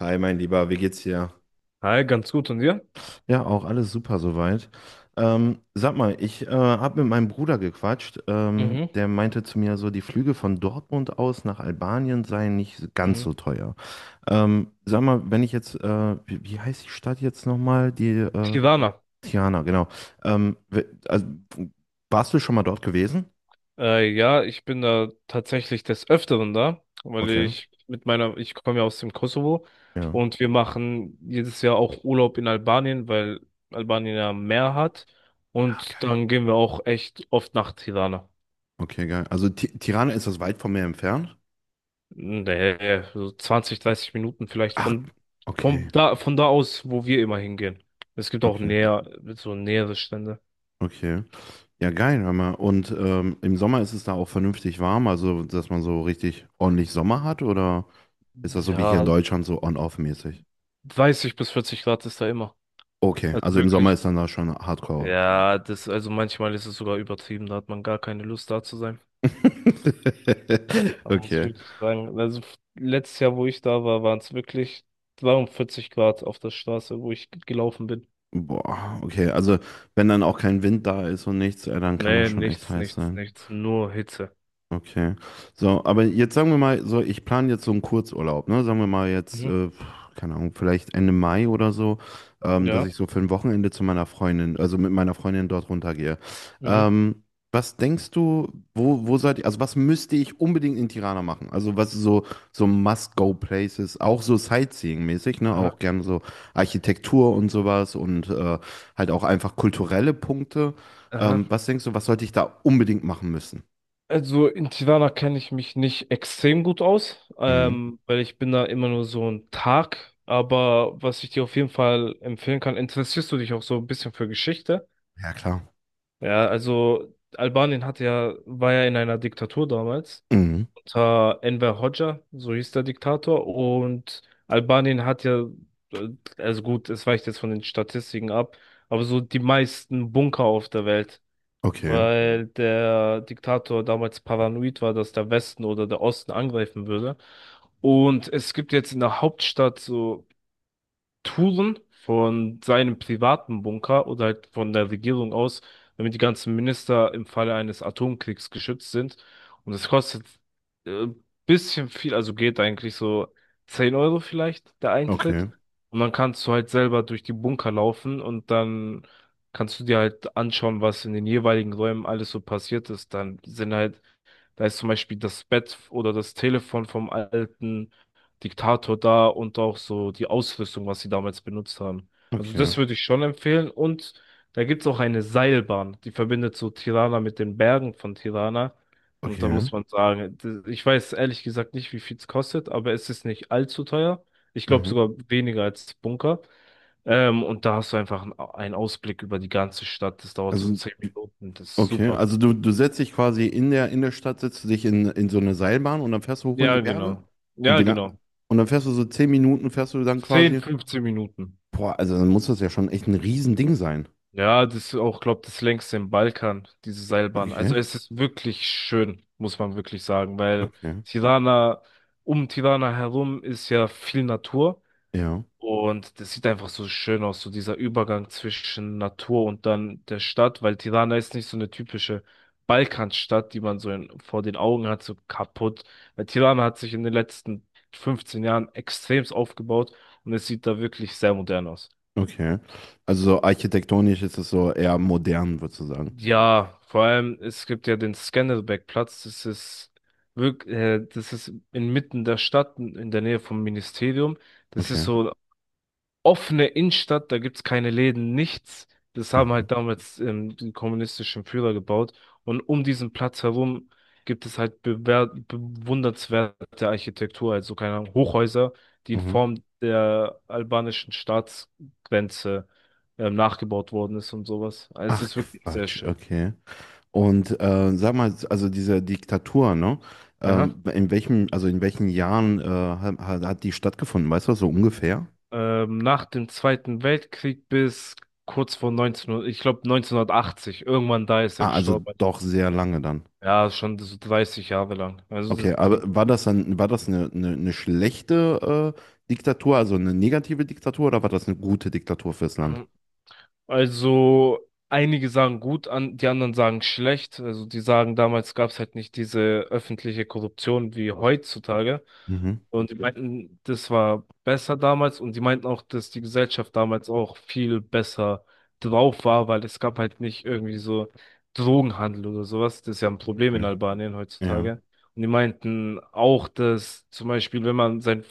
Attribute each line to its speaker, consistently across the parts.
Speaker 1: Hi, mein Lieber, wie geht's dir?
Speaker 2: Hi, ganz gut. Und dir?
Speaker 1: Ja, auch alles super soweit. Sag mal, ich habe mit meinem Bruder gequatscht.
Speaker 2: Mhm,
Speaker 1: Der meinte zu mir so, die Flüge von Dortmund aus nach Albanien seien nicht ganz
Speaker 2: mhm.
Speaker 1: so teuer. Sag mal, wenn ich jetzt, wie heißt die Stadt jetzt nochmal? Die
Speaker 2: Tirana.
Speaker 1: Tirana, genau. Also, warst du schon mal dort gewesen?
Speaker 2: Ja, ich bin da tatsächlich des Öfteren da, weil
Speaker 1: Okay,
Speaker 2: ich mit meiner, ich komme ja aus dem Kosovo
Speaker 1: ja.
Speaker 2: und wir machen jedes Jahr auch Urlaub in Albanien, weil Albanien ja Meer hat.
Speaker 1: Ah,
Speaker 2: Und
Speaker 1: geil.
Speaker 2: dann gehen wir auch echt oft nach Tirana.
Speaker 1: Okay, geil. Also Tirana, ist das weit von mir entfernt?
Speaker 2: Nee, so 20, 30 Minuten vielleicht
Speaker 1: Ach, okay,
Speaker 2: von da aus, wo wir immer hingehen. Es gibt auch
Speaker 1: okay.
Speaker 2: näher, so nähere Strände.
Speaker 1: Okay. Ja, geil, hör mal. Und im Sommer ist es da auch vernünftig warm, also dass man so richtig ordentlich Sommer hat, oder ist das so wie hier in
Speaker 2: Ja,
Speaker 1: Deutschland so on-off-mäßig?
Speaker 2: 30 bis 40 Grad ist da immer.
Speaker 1: Okay,
Speaker 2: Also
Speaker 1: also im Sommer
Speaker 2: wirklich.
Speaker 1: ist dann da schon Hardcore.
Speaker 2: Ja, das, also manchmal ist es sogar übertrieben, da hat man gar keine Lust da zu sein. Da muss ich
Speaker 1: Okay.
Speaker 2: wirklich sagen. Letztes Jahr, wo ich da war, waren es wirklich 42 Grad auf der Straße, wo ich gelaufen bin.
Speaker 1: Boah, okay. Also wenn dann auch kein Wind da ist und nichts, dann kann das
Speaker 2: Nee,
Speaker 1: schon echt
Speaker 2: nichts,
Speaker 1: heiß
Speaker 2: nichts,
Speaker 1: sein.
Speaker 2: nichts. Nur Hitze.
Speaker 1: Okay. So, aber jetzt sagen wir mal, so, ich plane jetzt so einen Kurzurlaub, ne? Sagen wir mal jetzt,
Speaker 2: Mhm.
Speaker 1: keine Ahnung, vielleicht Ende Mai oder so, dass
Speaker 2: Ja.
Speaker 1: ich so für ein Wochenende zu meiner Freundin, also mit meiner Freundin dort runtergehe.
Speaker 2: Mhm.
Speaker 1: Ähm, Was denkst du, wo seid ihr, also was müsste ich unbedingt in Tirana machen? Also was so, so Must-Go-Places, auch so Sightseeing-mäßig, ne?
Speaker 2: Aha,
Speaker 1: Auch gerne so Architektur und sowas und halt auch einfach kulturelle Punkte.
Speaker 2: aha.
Speaker 1: Was denkst du, was sollte ich da unbedingt machen müssen?
Speaker 2: Also in Tirana kenne ich mich nicht extrem gut aus,
Speaker 1: Mhm.
Speaker 2: weil ich bin da immer nur so ein Tag. Aber was ich dir auf jeden Fall empfehlen kann, interessierst du dich auch so ein bisschen für Geschichte?
Speaker 1: Ja, klar.
Speaker 2: Ja, also Albanien hatte ja, war ja in einer Diktatur damals
Speaker 1: Mhm.
Speaker 2: unter Enver Hoxha, so hieß der Diktator, und Albanien hat ja, äh, also gut, es weicht jetzt von den Statistiken ab, aber so die meisten Bunker auf der Welt. Mhm.
Speaker 1: Okay,
Speaker 2: Weil der Diktator damals paranoid war, dass der Westen oder der Osten angreifen würde. Und es gibt jetzt in der Hauptstadt so Touren von seinem privaten Bunker oder halt von der Regierung aus, damit die ganzen Minister im Falle eines Atomkriegs geschützt sind. Und das kostet äh, bisschen viel, also geht eigentlich so 10 Euro vielleicht der Eintritt.
Speaker 1: okay,
Speaker 2: Und dann kannst du halt selber durch die Bunker laufen und dann kannst du dir halt anschauen, was in den jeweiligen Räumen alles so passiert ist. Dann sind halt da ist zum Beispiel das Bett oder das Telefon vom alten Diktator da und auch so die Ausrüstung, was sie damals benutzt haben. Also
Speaker 1: okay,
Speaker 2: das würde ich schon empfehlen. Und da gibt's auch eine Seilbahn, die verbindet so Tirana mit den Bergen von Tirana. Und da
Speaker 1: okay.
Speaker 2: muss man sagen, ich weiß ehrlich gesagt nicht, wie viel es kostet, aber es ist nicht allzu teuer. Ich glaube
Speaker 1: Mhm.
Speaker 2: sogar weniger als Bunker. Und da hast du einfach einen Ausblick über die ganze Stadt. Das dauert so
Speaker 1: Also,
Speaker 2: 10 Minuten. Das ist
Speaker 1: okay,
Speaker 2: super.
Speaker 1: also du setzt dich quasi in der Stadt, setzt du dich in so eine Seilbahn und dann fährst du hoch in die
Speaker 2: Ja,
Speaker 1: Berge.
Speaker 2: genau.
Speaker 1: Und
Speaker 2: Ja,
Speaker 1: wie lang,
Speaker 2: genau.
Speaker 1: und dann fährst du so zehn Minuten, fährst du dann
Speaker 2: 10,
Speaker 1: quasi.
Speaker 2: 15 Minuten.
Speaker 1: Boah, also dann muss das ja schon echt ein Riesending sein.
Speaker 2: Ja, das ist auch, glaube das längste im Balkan, diese Seilbahn.
Speaker 1: Okay,
Speaker 2: Also es ist wirklich schön, muss man wirklich sagen, weil
Speaker 1: okay,
Speaker 2: Tirana, um Tirana herum ist ja viel Natur
Speaker 1: ja,
Speaker 2: und das sieht einfach so schön aus, so dieser Übergang zwischen Natur und dann der Stadt, weil Tirana ist nicht so eine typische Balkanstadt, die man so in, vor den Augen hat, so kaputt. Weil Tirana hat sich in den letzten 15 Jahren extremst aufgebaut und es sieht da wirklich sehr modern aus.
Speaker 1: okay. Also so architektonisch ist es so eher modern, würdest du sagen.
Speaker 2: Ja, vor allem, es gibt ja den Scandelbeck-Platz. Das ist wirklich, das ist inmitten der Stadt, in der Nähe vom Ministerium. Das ist
Speaker 1: Okay.
Speaker 2: so offene Innenstadt, da gibt's keine Läden, nichts. Das haben
Speaker 1: Mhm.
Speaker 2: halt damals die kommunistischen Führer gebaut. Und um diesen Platz herum gibt es halt bewundernswerte Architektur, also keine Ahnung, Hochhäuser, die in
Speaker 1: Mhm.
Speaker 2: Form der albanischen Staatsgrenze nachgebaut worden ist und sowas. Also es
Speaker 1: Ach
Speaker 2: ist wirklich sehr
Speaker 1: Quatsch,
Speaker 2: schön.
Speaker 1: okay. Und sag mal, also diese Diktatur, ne?
Speaker 2: Ja.
Speaker 1: In welchem, also in welchen Jahren hat, hat die stattgefunden? Weißt du das so ungefähr?
Speaker 2: Nach dem Zweiten Weltkrieg bis kurz vor 1900, ich glaube 1980, irgendwann da ist er
Speaker 1: Ah, also
Speaker 2: gestorben.
Speaker 1: doch sehr lange dann.
Speaker 2: Ja, schon so 30 Jahre lang. Also
Speaker 1: Okay,
Speaker 2: das,
Speaker 1: aber war das dann, war das eine schlechte Diktatur, also eine negative Diktatur, oder war das eine gute Diktatur fürs Land?
Speaker 2: also einige sagen gut an, die anderen sagen schlecht. Also die sagen, damals gab es halt nicht diese öffentliche Korruption wie heutzutage.
Speaker 1: Mhm.
Speaker 2: Und die meinten, das war besser damals und die meinten auch, dass die Gesellschaft damals auch viel besser drauf war, weil es gab halt nicht irgendwie so Drogenhandel oder sowas. Das ist ja ein Problem in
Speaker 1: Mhm.
Speaker 2: Albanien
Speaker 1: Ja.
Speaker 2: heutzutage. Und die meinten auch, dass zum Beispiel, wenn man sein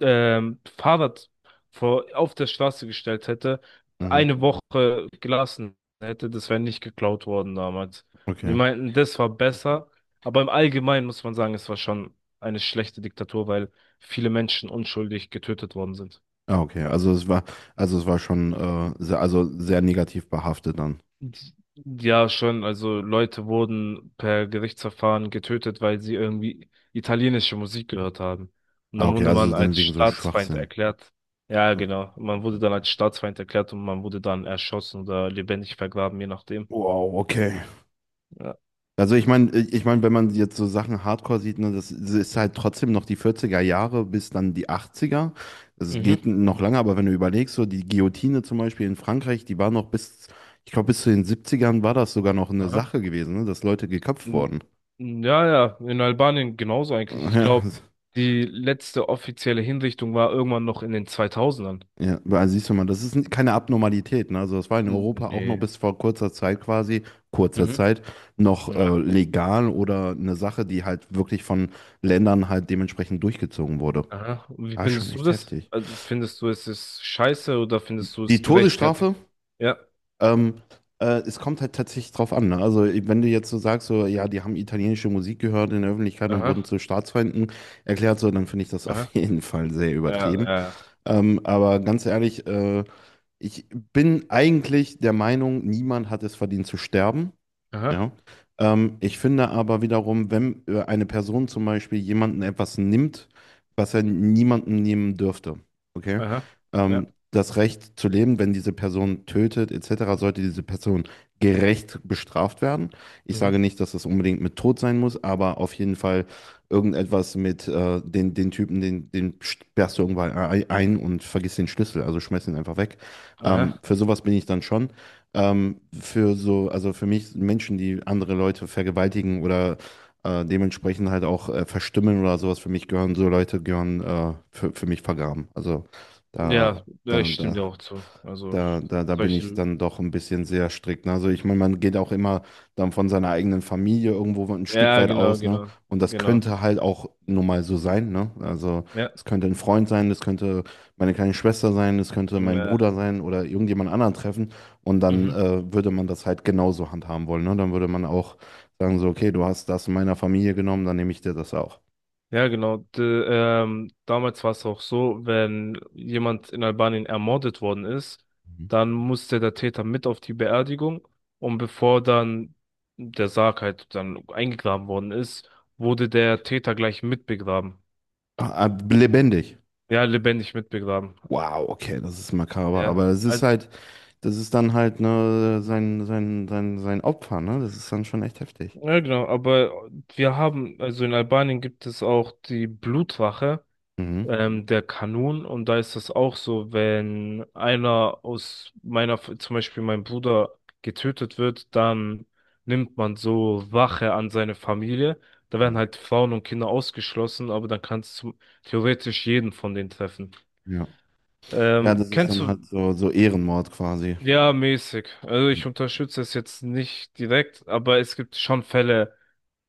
Speaker 2: Fahrrad vor, auf der Straße gestellt hätte,
Speaker 1: Mhm.
Speaker 2: 1 Woche gelassen hätte, das wäre nicht geklaut worden damals. Und die
Speaker 1: Okay.
Speaker 2: meinten, das war besser. Aber im Allgemeinen muss man sagen, es war schon eine schlechte Diktatur, weil viele Menschen unschuldig getötet worden sind.
Speaker 1: Ah, okay. Also es war schon sehr, also sehr negativ behaftet dann.
Speaker 2: Ja, schon. Also Leute wurden per Gerichtsverfahren getötet, weil sie irgendwie italienische Musik gehört haben. Und
Speaker 1: Ah,
Speaker 2: dann
Speaker 1: okay,
Speaker 2: wurde
Speaker 1: also
Speaker 2: man
Speaker 1: dann
Speaker 2: als
Speaker 1: wegen so
Speaker 2: Staatsfeind
Speaker 1: Schwachsinn.
Speaker 2: erklärt. Ja, genau. Man wurde dann
Speaker 1: Okay.
Speaker 2: als Staatsfeind erklärt und man wurde dann erschossen oder lebendig vergraben, je nachdem.
Speaker 1: Wow, okay.
Speaker 2: Ja.
Speaker 1: Also ich meine, wenn man jetzt so Sachen Hardcore sieht, ne, das ist halt trotzdem noch die 40er Jahre bis dann die 80er. Das
Speaker 2: Mhm.
Speaker 1: geht noch lange, aber wenn du überlegst, so die Guillotine zum Beispiel in Frankreich, die war noch bis, ich glaube, bis zu den 70ern war das sogar noch eine
Speaker 2: Aha.
Speaker 1: Sache gewesen, ne, dass Leute geköpft
Speaker 2: N-
Speaker 1: wurden.
Speaker 2: Ja, ja, in Albanien genauso eigentlich. Ich glaube, die letzte offizielle Hinrichtung war irgendwann noch in den 2000ern.
Speaker 1: Ja, ja, also siehst du mal, das ist keine Abnormalität, ne? Also das war in Europa auch noch
Speaker 2: Nee.
Speaker 1: bis vor kurzer Zeit quasi, kurzer
Speaker 2: Mhm.
Speaker 1: Zeit, noch
Speaker 2: Ja.
Speaker 1: legal oder eine Sache, die halt wirklich von Ländern halt dementsprechend durchgezogen wurde.
Speaker 2: Aha. Und wie
Speaker 1: Ah, schon
Speaker 2: findest du
Speaker 1: echt
Speaker 2: das?
Speaker 1: heftig.
Speaker 2: Also findest du, es ist scheiße oder
Speaker 1: Die,
Speaker 2: findest du
Speaker 1: die
Speaker 2: es gerechtfertigt?
Speaker 1: Todesstrafe,
Speaker 2: Ja.
Speaker 1: ähm, es kommt halt tatsächlich drauf an. Ne? Also, wenn du jetzt so sagst, so, ja, die haben italienische Musik gehört in der Öffentlichkeit und wurden
Speaker 2: Aha.
Speaker 1: zu Staatsfeinden erklärt, so, dann finde ich das auf
Speaker 2: Aha.
Speaker 1: jeden Fall sehr
Speaker 2: Ja, ja,
Speaker 1: übertrieben.
Speaker 2: ja.
Speaker 1: Aber ganz ehrlich, ich bin eigentlich der Meinung, niemand hat es verdient zu sterben.
Speaker 2: Aha.
Speaker 1: Ja. Ich finde aber wiederum, wenn eine Person zum Beispiel jemanden etwas nimmt, was er niemandem nehmen dürfte, okay?
Speaker 2: Aha. Ja.
Speaker 1: Das Recht zu leben, wenn diese Person tötet, etc., sollte diese Person gerecht bestraft werden. Ich
Speaker 2: Mhm.
Speaker 1: sage nicht, dass das unbedingt mit Tod sein muss, aber auf jeden Fall irgendetwas mit den, den Typen, den, den sperrst du irgendwann ein und vergiss den Schlüssel, also schmeiß ihn einfach weg.
Speaker 2: Aha.
Speaker 1: Für sowas bin ich dann schon für so, also für mich Menschen, die andere Leute vergewaltigen oder dementsprechend halt auch verstümmeln oder sowas, für mich gehören so Leute, gehören für mich vergraben. Also da,
Speaker 2: Ja, ja,
Speaker 1: da,
Speaker 2: ich stimme
Speaker 1: da
Speaker 2: dir auch zu. Also
Speaker 1: da bin ich
Speaker 2: solche.
Speaker 1: dann doch ein bisschen sehr strikt. Ne? Also ich meine, man geht auch immer dann von seiner eigenen Familie irgendwo ein Stück
Speaker 2: Ja,
Speaker 1: weit
Speaker 2: genau,
Speaker 1: aus, ne?
Speaker 2: genau.
Speaker 1: Und das
Speaker 2: Genau.
Speaker 1: könnte halt auch nun mal so sein, ne? Also
Speaker 2: Ja.
Speaker 1: es könnte ein Freund sein, das könnte meine kleine Schwester sein, das könnte mein Bruder
Speaker 2: Ja.
Speaker 1: sein oder irgendjemand anderen treffen. Und dann
Speaker 2: Mhm.
Speaker 1: würde man das halt genauso handhaben wollen, ne? Dann würde man auch sagen so, okay, du hast das in meiner Familie genommen, dann nehme ich dir das auch.
Speaker 2: Ja, genau. D damals war es auch so, wenn jemand in Albanien ermordet worden ist,
Speaker 1: Mhm.
Speaker 2: dann musste der Täter mit auf die Beerdigung und bevor dann der Sarg halt dann eingegraben worden ist, wurde der Täter gleich mitbegraben.
Speaker 1: Ah, ah, lebendig.
Speaker 2: Ja, lebendig mitbegraben.
Speaker 1: Wow, okay, das ist makaber,
Speaker 2: Ja.
Speaker 1: aber es ist halt, das ist dann halt ne, sein Opfer, ne? Das ist dann schon echt heftig.
Speaker 2: Ja, genau. Aber wir haben, also in Albanien gibt es auch die Blutwache.
Speaker 1: Mhm.
Speaker 2: Der Kanun, und da ist das auch so, wenn einer aus meiner, zum Beispiel mein Bruder getötet wird, dann nimmt man so Wache an seine Familie. Da werden
Speaker 1: Mhm.
Speaker 2: halt Frauen und Kinder ausgeschlossen, aber dann kann es theoretisch jeden von denen treffen.
Speaker 1: Ja. Ja, das ist
Speaker 2: Kennst
Speaker 1: dann halt so, so Ehrenmord quasi.
Speaker 2: du, ja, mäßig. Also
Speaker 1: Mhm.
Speaker 2: ich unterstütze es jetzt nicht direkt, aber es gibt schon Fälle,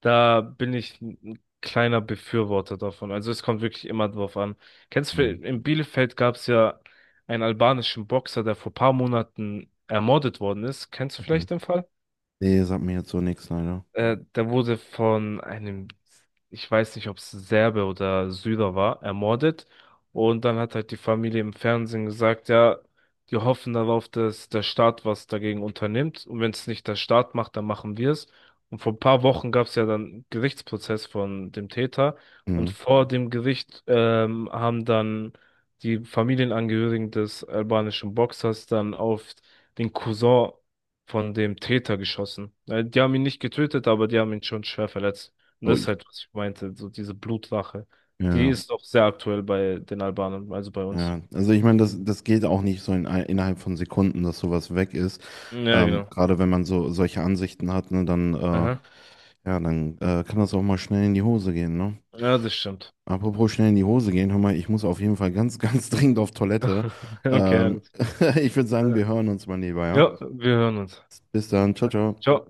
Speaker 2: da bin ich ein kleiner Befürworter davon. Also es kommt wirklich immer drauf an. Kennst du,
Speaker 1: Mhm.
Speaker 2: in Bielefeld gab es ja einen albanischen Boxer, der vor paar Monaten ermordet worden ist. Kennst du
Speaker 1: Okay.
Speaker 2: vielleicht den Fall?
Speaker 1: Nee, sagt mir jetzt so nichts, leider.
Speaker 2: Der wurde von einem, ich weiß nicht, ob es Serbe oder Syrer war, ermordet. Und dann hat halt die Familie im Fernsehen gesagt, ja, die hoffen darauf, dass der Staat was dagegen unternimmt. Und wenn es nicht der Staat macht, dann machen wir es. Und vor ein paar Wochen gab es ja dann einen Gerichtsprozess von dem Täter. Und
Speaker 1: Mhm.
Speaker 2: vor dem Gericht haben dann die Familienangehörigen des albanischen Boxers dann auf den Cousin von dem Täter geschossen. Die haben ihn nicht getötet, aber die haben ihn schon schwer verletzt. Und das ist
Speaker 1: Ui.
Speaker 2: halt, was ich meinte, so diese Blutlache.
Speaker 1: Ja,
Speaker 2: Die
Speaker 1: ja.
Speaker 2: ist auch sehr aktuell bei den Albanern, also bei uns.
Speaker 1: Ja, also ich meine, das, das geht auch nicht so in, innerhalb von Sekunden, dass sowas weg ist.
Speaker 2: Ja, genau.
Speaker 1: Gerade wenn man so solche Ansichten hat, ne, dann,
Speaker 2: Aha.
Speaker 1: ja, dann kann das auch mal schnell in die Hose gehen, ne?
Speaker 2: Ja, das stimmt.
Speaker 1: Apropos schnell in die Hose gehen, hör mal, ich muss auf jeden Fall ganz, ganz dringend auf Toilette.
Speaker 2: Okay,
Speaker 1: Ähm,
Speaker 2: alles klar.
Speaker 1: Ich würde sagen, wir hören uns mal lieber, ja?
Speaker 2: Ja, wir hören uns.
Speaker 1: Bis dann, ciao, ciao.
Speaker 2: Ciao.